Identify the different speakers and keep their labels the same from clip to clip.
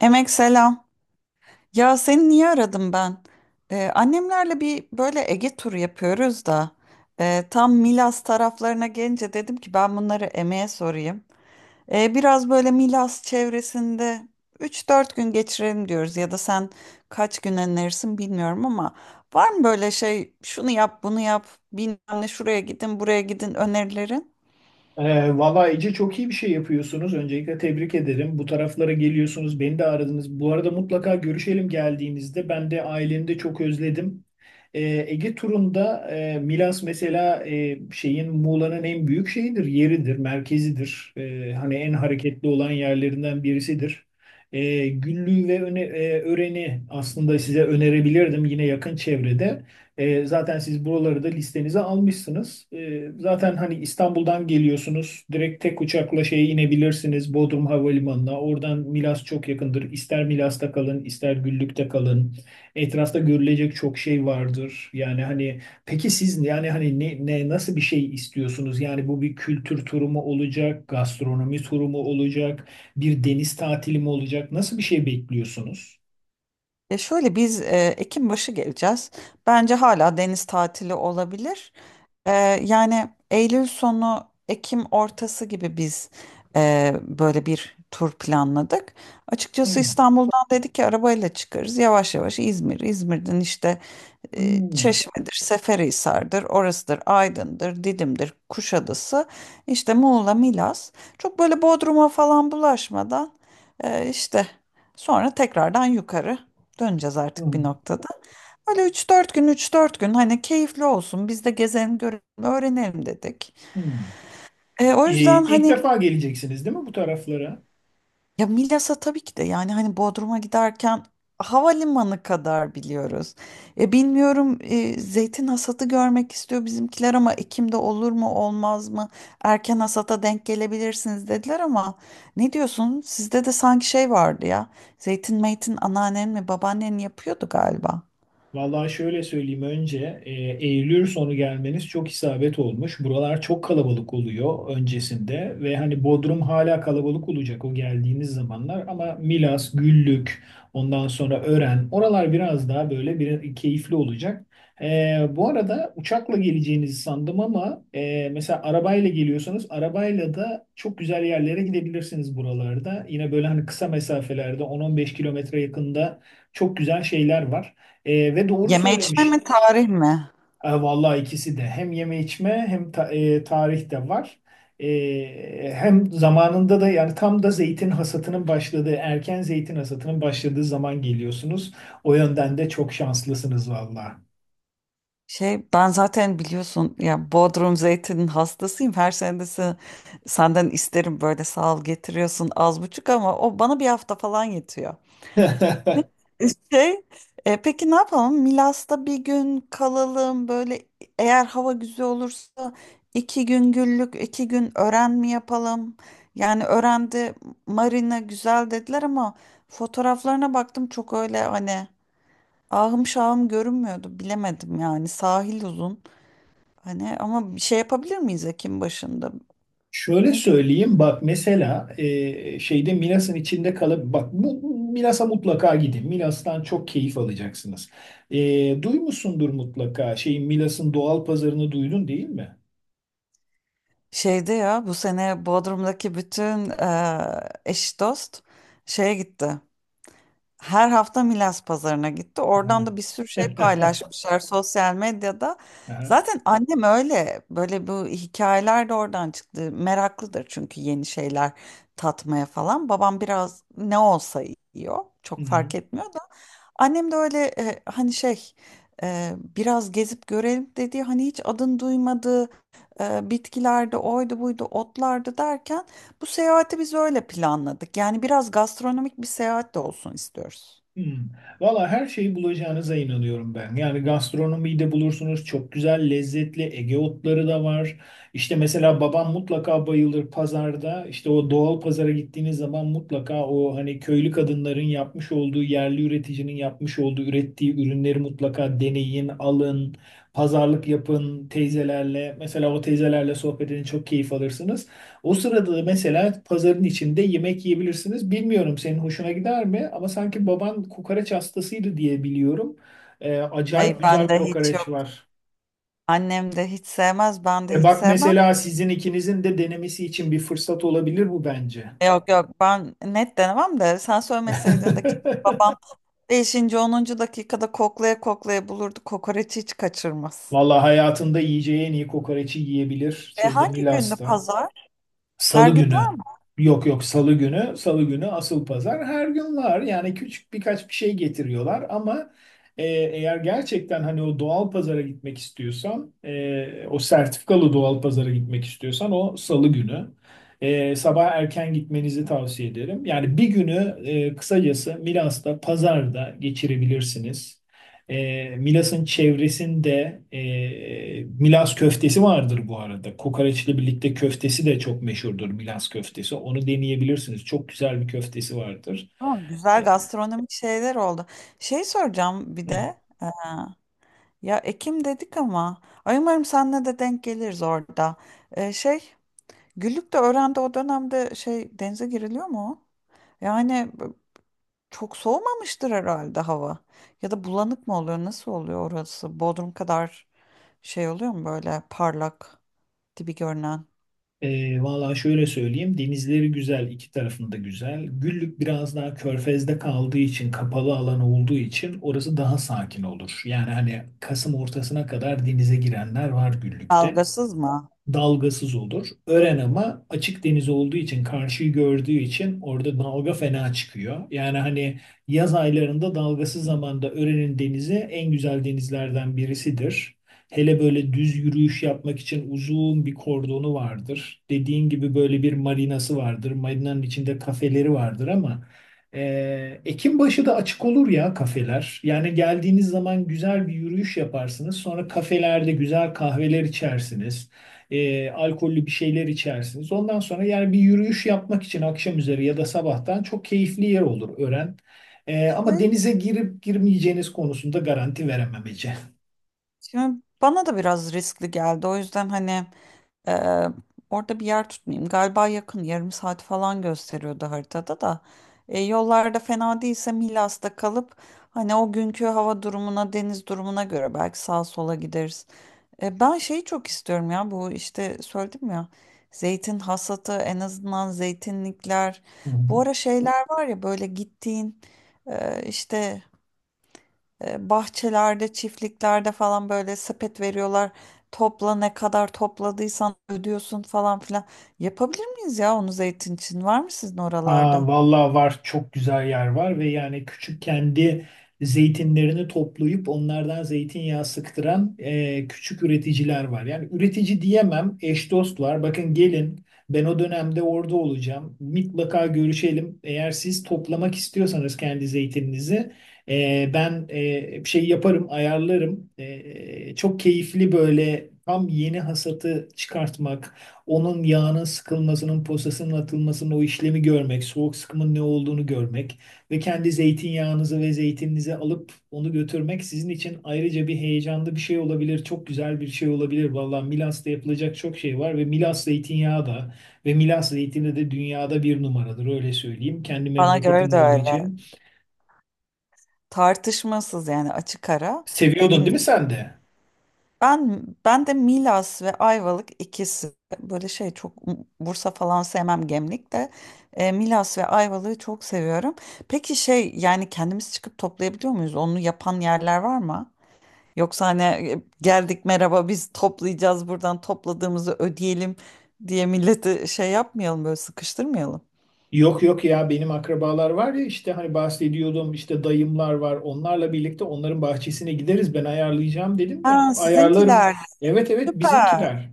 Speaker 1: Emek selam. Ya seni niye aradım ben? Annemlerle bir böyle Ege turu yapıyoruz da tam Milas taraflarına gelince dedim ki ben bunları Emek'e sorayım. Biraz böyle Milas çevresinde 3-4 gün geçirelim diyoruz ya da sen kaç gün önerirsin bilmiyorum ama var mı böyle şey şunu yap bunu yap bilmem ne şuraya gidin buraya gidin önerilerin?
Speaker 2: Valla Ece çok iyi bir şey yapıyorsunuz. Öncelikle tebrik ederim. Bu taraflara geliyorsunuz. Beni de aradınız. Bu arada mutlaka görüşelim geldiğinizde. Ben de ailemi de çok özledim. Ege turunda Milas mesela şeyin Muğla'nın en büyük şeyidir, yeridir, merkezidir. Hani en hareketli olan yerlerinden birisidir. Güllü ve öne, Ören'i aslında size önerebilirdim yine yakın çevrede. Zaten siz buraları da listenize almışsınız. Zaten hani İstanbul'dan geliyorsunuz. Direkt tek uçakla şeye inebilirsiniz Bodrum Havalimanı'na. Oradan Milas çok yakındır. İster Milas'ta kalın, ister Güllük'te kalın. Etrafta görülecek çok şey vardır. Yani hani peki siz yani hani ne, ne nasıl bir şey istiyorsunuz? Yani bu bir kültür turu mu olacak, gastronomi turu mu olacak, bir deniz tatili mi olacak? Nasıl bir şey bekliyorsunuz?
Speaker 1: Ya şöyle biz Ekim başı geleceğiz. Bence hala deniz tatili olabilir. E, yani Eylül sonu, Ekim ortası gibi biz böyle bir tur planladık. Açıkçası
Speaker 2: Hmm.
Speaker 1: İstanbul'dan dedik ki arabayla çıkarız. Yavaş yavaş İzmir, İzmir'den işte
Speaker 2: Hmm.
Speaker 1: Çeşme'dir, Seferihisar'dır, orasıdır, Aydın'dır, Didim'dir, Kuşadası, işte Muğla, Milas. Çok böyle Bodrum'a falan bulaşmadan işte sonra tekrardan yukarı. Döneceğiz artık bir
Speaker 2: Hmm.
Speaker 1: noktada. Öyle üç dört gün hani keyifli olsun biz de gezelim görelim öğrenelim dedik.
Speaker 2: Hmm.
Speaker 1: O yüzden
Speaker 2: İlk
Speaker 1: hani
Speaker 2: defa geleceksiniz değil mi bu taraflara?
Speaker 1: ya Milas'a tabii ki de yani hani Bodrum'a giderken havalimanı kadar biliyoruz. Bilmiyorum zeytin hasadı görmek istiyor bizimkiler ama Ekim'de olur mu olmaz mı? Erken hasata denk gelebilirsiniz dediler ama ne diyorsun? Sizde de sanki şey vardı ya zeytin meytin anneannen mi babaannen yapıyordu galiba.
Speaker 2: Vallahi şöyle söyleyeyim önce Eylül sonu gelmeniz çok isabet olmuş. Buralar çok kalabalık oluyor öncesinde ve hani Bodrum hala kalabalık olacak o geldiğiniz zamanlar ama Milas, Güllük, ondan sonra Ören oralar biraz daha böyle bir keyifli olacak. Bu arada uçakla geleceğinizi sandım ama mesela arabayla geliyorsanız arabayla da çok güzel yerlere gidebilirsiniz buralarda. Yine böyle hani kısa mesafelerde 10-15 kilometre yakında çok güzel şeyler var. Ve doğru
Speaker 1: Yeme içme
Speaker 2: söylemiş.
Speaker 1: mi tarih mi?
Speaker 2: Vallahi ikisi de hem yeme içme hem tarih de var. Hem zamanında da yani tam da zeytin hasatının başladığı erken zeytin hasatının başladığı zaman geliyorsunuz. O yönden de çok şanslısınız vallahi.
Speaker 1: Şey, ben zaten biliyorsun ya Bodrum zeytinin hastasıyım. Her sene de senden isterim, böyle sağ ol getiriyorsun az buçuk ama o bana bir hafta falan yetiyor. Şey, peki ne yapalım? Milas'ta 1 gün kalalım, böyle eğer hava güzel olursa 2 gün Güllük, 2 gün Öğren mi yapalım? Yani Öğrende marina güzel dediler ama fotoğraflarına baktım, çok öyle hani ahım şahım görünmüyordu, bilemedim yani. Sahil uzun. Hani ama bir şey yapabilir miyiz Ekim başında?
Speaker 2: Şöyle
Speaker 1: Ne diyor?
Speaker 2: söyleyeyim bak mesela şeyde Milas'ın içinde kalıp bak bu Milas'a mutlaka gidin. Milas'tan çok keyif alacaksınız. Duymuşsundur mutlaka şeyin Milas'ın doğal pazarını duydun değil mi?
Speaker 1: Şeyde ya, bu sene Bodrum'daki bütün eş dost şeye gitti. Her hafta Milas pazarına gitti. Oradan
Speaker 2: Ha.
Speaker 1: da bir sürü şey
Speaker 2: Aha.
Speaker 1: paylaşmışlar sosyal medyada. Zaten annem öyle böyle, bu hikayeler de oradan çıktı. Meraklıdır çünkü yeni şeyler tatmaya falan. Babam biraz ne olsa yiyor.
Speaker 2: Hı
Speaker 1: Çok
Speaker 2: hı.
Speaker 1: fark etmiyor da. Annem de öyle hani şey, biraz gezip görelim dediği, hani hiç adını duymadığı bitkilerde oydu buydu otlardı derken bu seyahati biz öyle planladık. Yani biraz gastronomik bir seyahat de olsun istiyoruz.
Speaker 2: Hmm. Valla her şeyi bulacağınıza inanıyorum ben. Yani gastronomiyi de bulursunuz. Çok güzel, lezzetli Ege otları da var. İşte mesela babam mutlaka bayılır pazarda. İşte o doğal pazara gittiğiniz zaman mutlaka o hani köylü kadınların yapmış olduğu, yerli üreticinin yapmış olduğu, ürettiği ürünleri mutlaka deneyin, alın. Pazarlık yapın teyzelerle. Mesela o teyzelerle sohbetini çok keyif alırsınız. O sırada mesela pazarın içinde yemek yiyebilirsiniz. Bilmiyorum senin hoşuna gider mi? Ama sanki baban kokoreç hastasıydı diye biliyorum. Acayip
Speaker 1: Ay, ben
Speaker 2: güzel
Speaker 1: de hiç
Speaker 2: kokoreç
Speaker 1: yok.
Speaker 2: var.
Speaker 1: Annem de hiç sevmez, ben de
Speaker 2: E
Speaker 1: hiç
Speaker 2: bak
Speaker 1: sevmem.
Speaker 2: mesela sizin ikinizin de denemesi için bir fırsat olabilir bu bence.
Speaker 1: Yok yok, ben net denemem de sen söylemeseydin de ki babam beşinci onuncu dakikada koklaya koklaya bulurdu. Kokoreçi hiç kaçırmaz.
Speaker 2: Vallahi hayatında yiyeceği en iyi kokoreçi yiyebilir
Speaker 1: E
Speaker 2: şeyde
Speaker 1: hangi gündü
Speaker 2: Milas'ta.
Speaker 1: pazar? Her
Speaker 2: Salı
Speaker 1: gün
Speaker 2: günü.
Speaker 1: var mı?
Speaker 2: Yok yok salı günü. Salı günü asıl pazar. Her gün var. Yani küçük birkaç bir şey getiriyorlar ama eğer gerçekten hani o doğal pazara gitmek istiyorsan o sertifikalı doğal pazara gitmek istiyorsan o salı günü. Sabah erken gitmenizi tavsiye ederim. Yani bir günü kısacası Milas'ta pazarda geçirebilirsiniz. Milas'ın çevresinde Milas köftesi vardır bu arada. Kokoreçle birlikte köftesi de çok meşhurdur Milas köftesi. Onu deneyebilirsiniz. Çok güzel bir köftesi vardır.
Speaker 1: Tamam, güzel
Speaker 2: E,
Speaker 1: gastronomik şeyler oldu. Şey soracağım bir
Speaker 2: hı.
Speaker 1: de. Ya Ekim dedik ama ay, umarım senle de denk geliriz orada. Şey, Güllük de öğrendi o dönemde, şey, denize giriliyor mu o? Yani çok soğumamıştır herhalde hava. Ya da bulanık mı oluyor? Nasıl oluyor orası? Bodrum kadar şey oluyor mu, böyle parlak gibi görünen?
Speaker 2: Vallahi şöyle söyleyeyim. Denizleri güzel, iki tarafında güzel. Güllük biraz daha körfezde kaldığı için, kapalı alan olduğu için orası daha sakin olur. Yani hani Kasım ortasına kadar denize girenler var Güllük'te.
Speaker 1: Dalgasız mı?
Speaker 2: Dalgasız olur. Ören ama açık deniz olduğu için karşıyı gördüğü için orada dalga fena çıkıyor. Yani hani yaz aylarında dalgasız zamanda Ören'in denizi en güzel denizlerden birisidir. Hele böyle düz yürüyüş yapmak için uzun bir kordonu vardır. Dediğin gibi böyle bir marinası vardır. Marinanın içinde kafeleri vardır ama Ekim başı da açık olur ya kafeler. Yani geldiğiniz zaman güzel bir yürüyüş yaparsınız. Sonra kafelerde güzel kahveler içersiniz alkollü bir şeyler içersiniz. Ondan sonra yani bir yürüyüş yapmak için akşam üzeri ya da sabahtan çok keyifli yer olur Ören. Ama
Speaker 1: Şey,
Speaker 2: denize girip girmeyeceğiniz konusunda garanti veremem Ece.
Speaker 1: şimdi bana da biraz riskli geldi. O yüzden hani Ee, orada bir yer tutmayayım. Galiba yakın, yarım saat falan gösteriyordu haritada da. Yollarda fena değilse Milas'ta kalıp hani o günkü hava durumuna, deniz durumuna göre belki sağa sola gideriz. Ben şeyi çok istiyorum ya, bu işte söyledim ya, zeytin hasatı, en azından zeytinlikler.
Speaker 2: Hı hı.
Speaker 1: Bu ara şeyler var ya, böyle gittiğin işte bahçelerde, çiftliklerde falan böyle sepet veriyorlar. Topla, ne kadar topladıysan ödüyorsun falan filan. Yapabilir miyiz ya onu zeytin için? Var mı sizin
Speaker 2: Ha,
Speaker 1: oralarda?
Speaker 2: vallahi var çok güzel yer var ve yani küçük kendi zeytinlerini toplayıp onlardan zeytinyağı sıktıran küçük üreticiler var. Yani üretici diyemem eş dost var. Bakın gelin ben o dönemde orada olacağım. Mutlaka görüşelim. Eğer siz toplamak istiyorsanız kendi zeytininizi ben bir şey yaparım ayarlarım. Çok keyifli böyle tam yeni hasatı çıkartmak. Onun yağının sıkılmasının, posasının atılmasının o işlemi görmek, soğuk sıkımın ne olduğunu görmek ve kendi zeytinyağınızı ve zeytininizi alıp onu götürmek sizin için ayrıca bir heyecanlı bir şey olabilir. Çok güzel bir şey olabilir. Vallahi Milas'ta yapılacak çok şey var ve Milas zeytinyağı da ve Milas zeytini de dünyada bir numaradır öyle söyleyeyim. Kendi
Speaker 1: Bana göre
Speaker 2: memleketim
Speaker 1: de
Speaker 2: olduğu
Speaker 1: öyle.
Speaker 2: için.
Speaker 1: Tartışmasız yani, açık ara.
Speaker 2: Seviyordun
Speaker 1: Dediğim
Speaker 2: değil mi
Speaker 1: gibi.
Speaker 2: sen de?
Speaker 1: Ben de Milas ve Ayvalık, ikisi böyle şey çok. Bursa falan sevmem, Gemlik de. Milas ve Ayvalık'ı çok seviyorum. Peki şey, yani kendimiz çıkıp toplayabiliyor muyuz? Onu yapan yerler var mı? Yoksa hani geldik merhaba biz toplayacağız buradan, topladığımızı ödeyelim diye milleti şey yapmayalım, böyle sıkıştırmayalım.
Speaker 2: Yok yok ya benim akrabalar var ya işte hani bahsediyordum işte dayımlar var onlarla birlikte onların bahçesine gideriz ben ayarlayacağım dedim ya
Speaker 1: Ha,
Speaker 2: ayarlarım.
Speaker 1: sizinkiler,
Speaker 2: Evet evet
Speaker 1: süper.
Speaker 2: bizimkiler.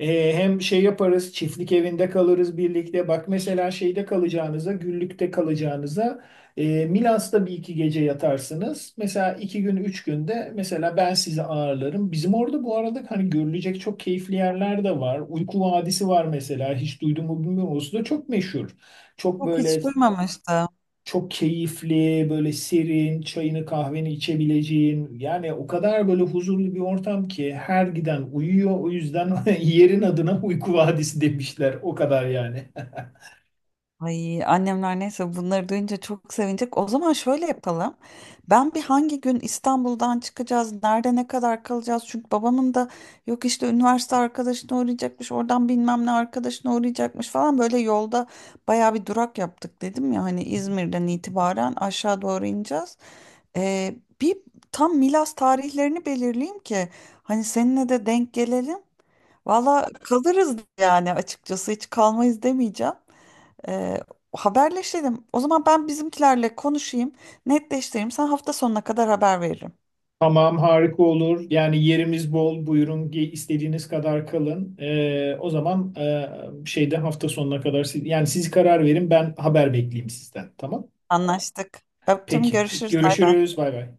Speaker 2: Hem şey yaparız çiftlik evinde kalırız birlikte bak mesela şeyde kalacağınıza Güllük'te kalacağınıza Milas'ta bir iki gece yatarsınız. Mesela iki gün üç günde mesela ben sizi ağırlarım. Bizim orada bu arada hani görülecek çok keyifli yerler de var. Uyku Vadisi var mesela hiç duydun mu bilmiyorum. Orası da çok meşhur. Çok
Speaker 1: Çok,
Speaker 2: böyle
Speaker 1: hiç duymamıştım.
Speaker 2: çok keyifli, böyle serin, çayını kahveni içebileceğin yani o kadar böyle huzurlu bir ortam ki her giden uyuyor. O yüzden yerin adına uyku vadisi demişler. O kadar yani.
Speaker 1: Ay, annemler neyse bunları duyunca çok sevinecek. O zaman şöyle yapalım. Ben bir, hangi gün İstanbul'dan çıkacağız, nerede ne kadar kalacağız? Çünkü babamın da yok işte, üniversite arkadaşına uğrayacakmış, oradan bilmem ne arkadaşına uğrayacakmış falan, böyle yolda baya bir durak yaptık dedim ya, hani İzmir'den itibaren aşağı doğru ineceğiz. Ee, bir tam Milas tarihlerini belirleyeyim ki hani seninle de denk gelelim. Valla kalırız yani, açıkçası hiç kalmayız demeyeceğim. Ee, haberleşelim. O zaman ben bizimkilerle konuşayım, netleştireyim. Sen, hafta sonuna kadar haber veririm.
Speaker 2: Tamam harika olur. Yani yerimiz bol. Buyurun istediğiniz kadar kalın. O zaman şeyde hafta sonuna kadar siz, yani siz karar verin ben haber bekleyeyim sizden. Tamam.
Speaker 1: Anlaştık. Öptüm,
Speaker 2: Peki.
Speaker 1: görüşürüz. Bay bay.
Speaker 2: Görüşürüz. Bay bay.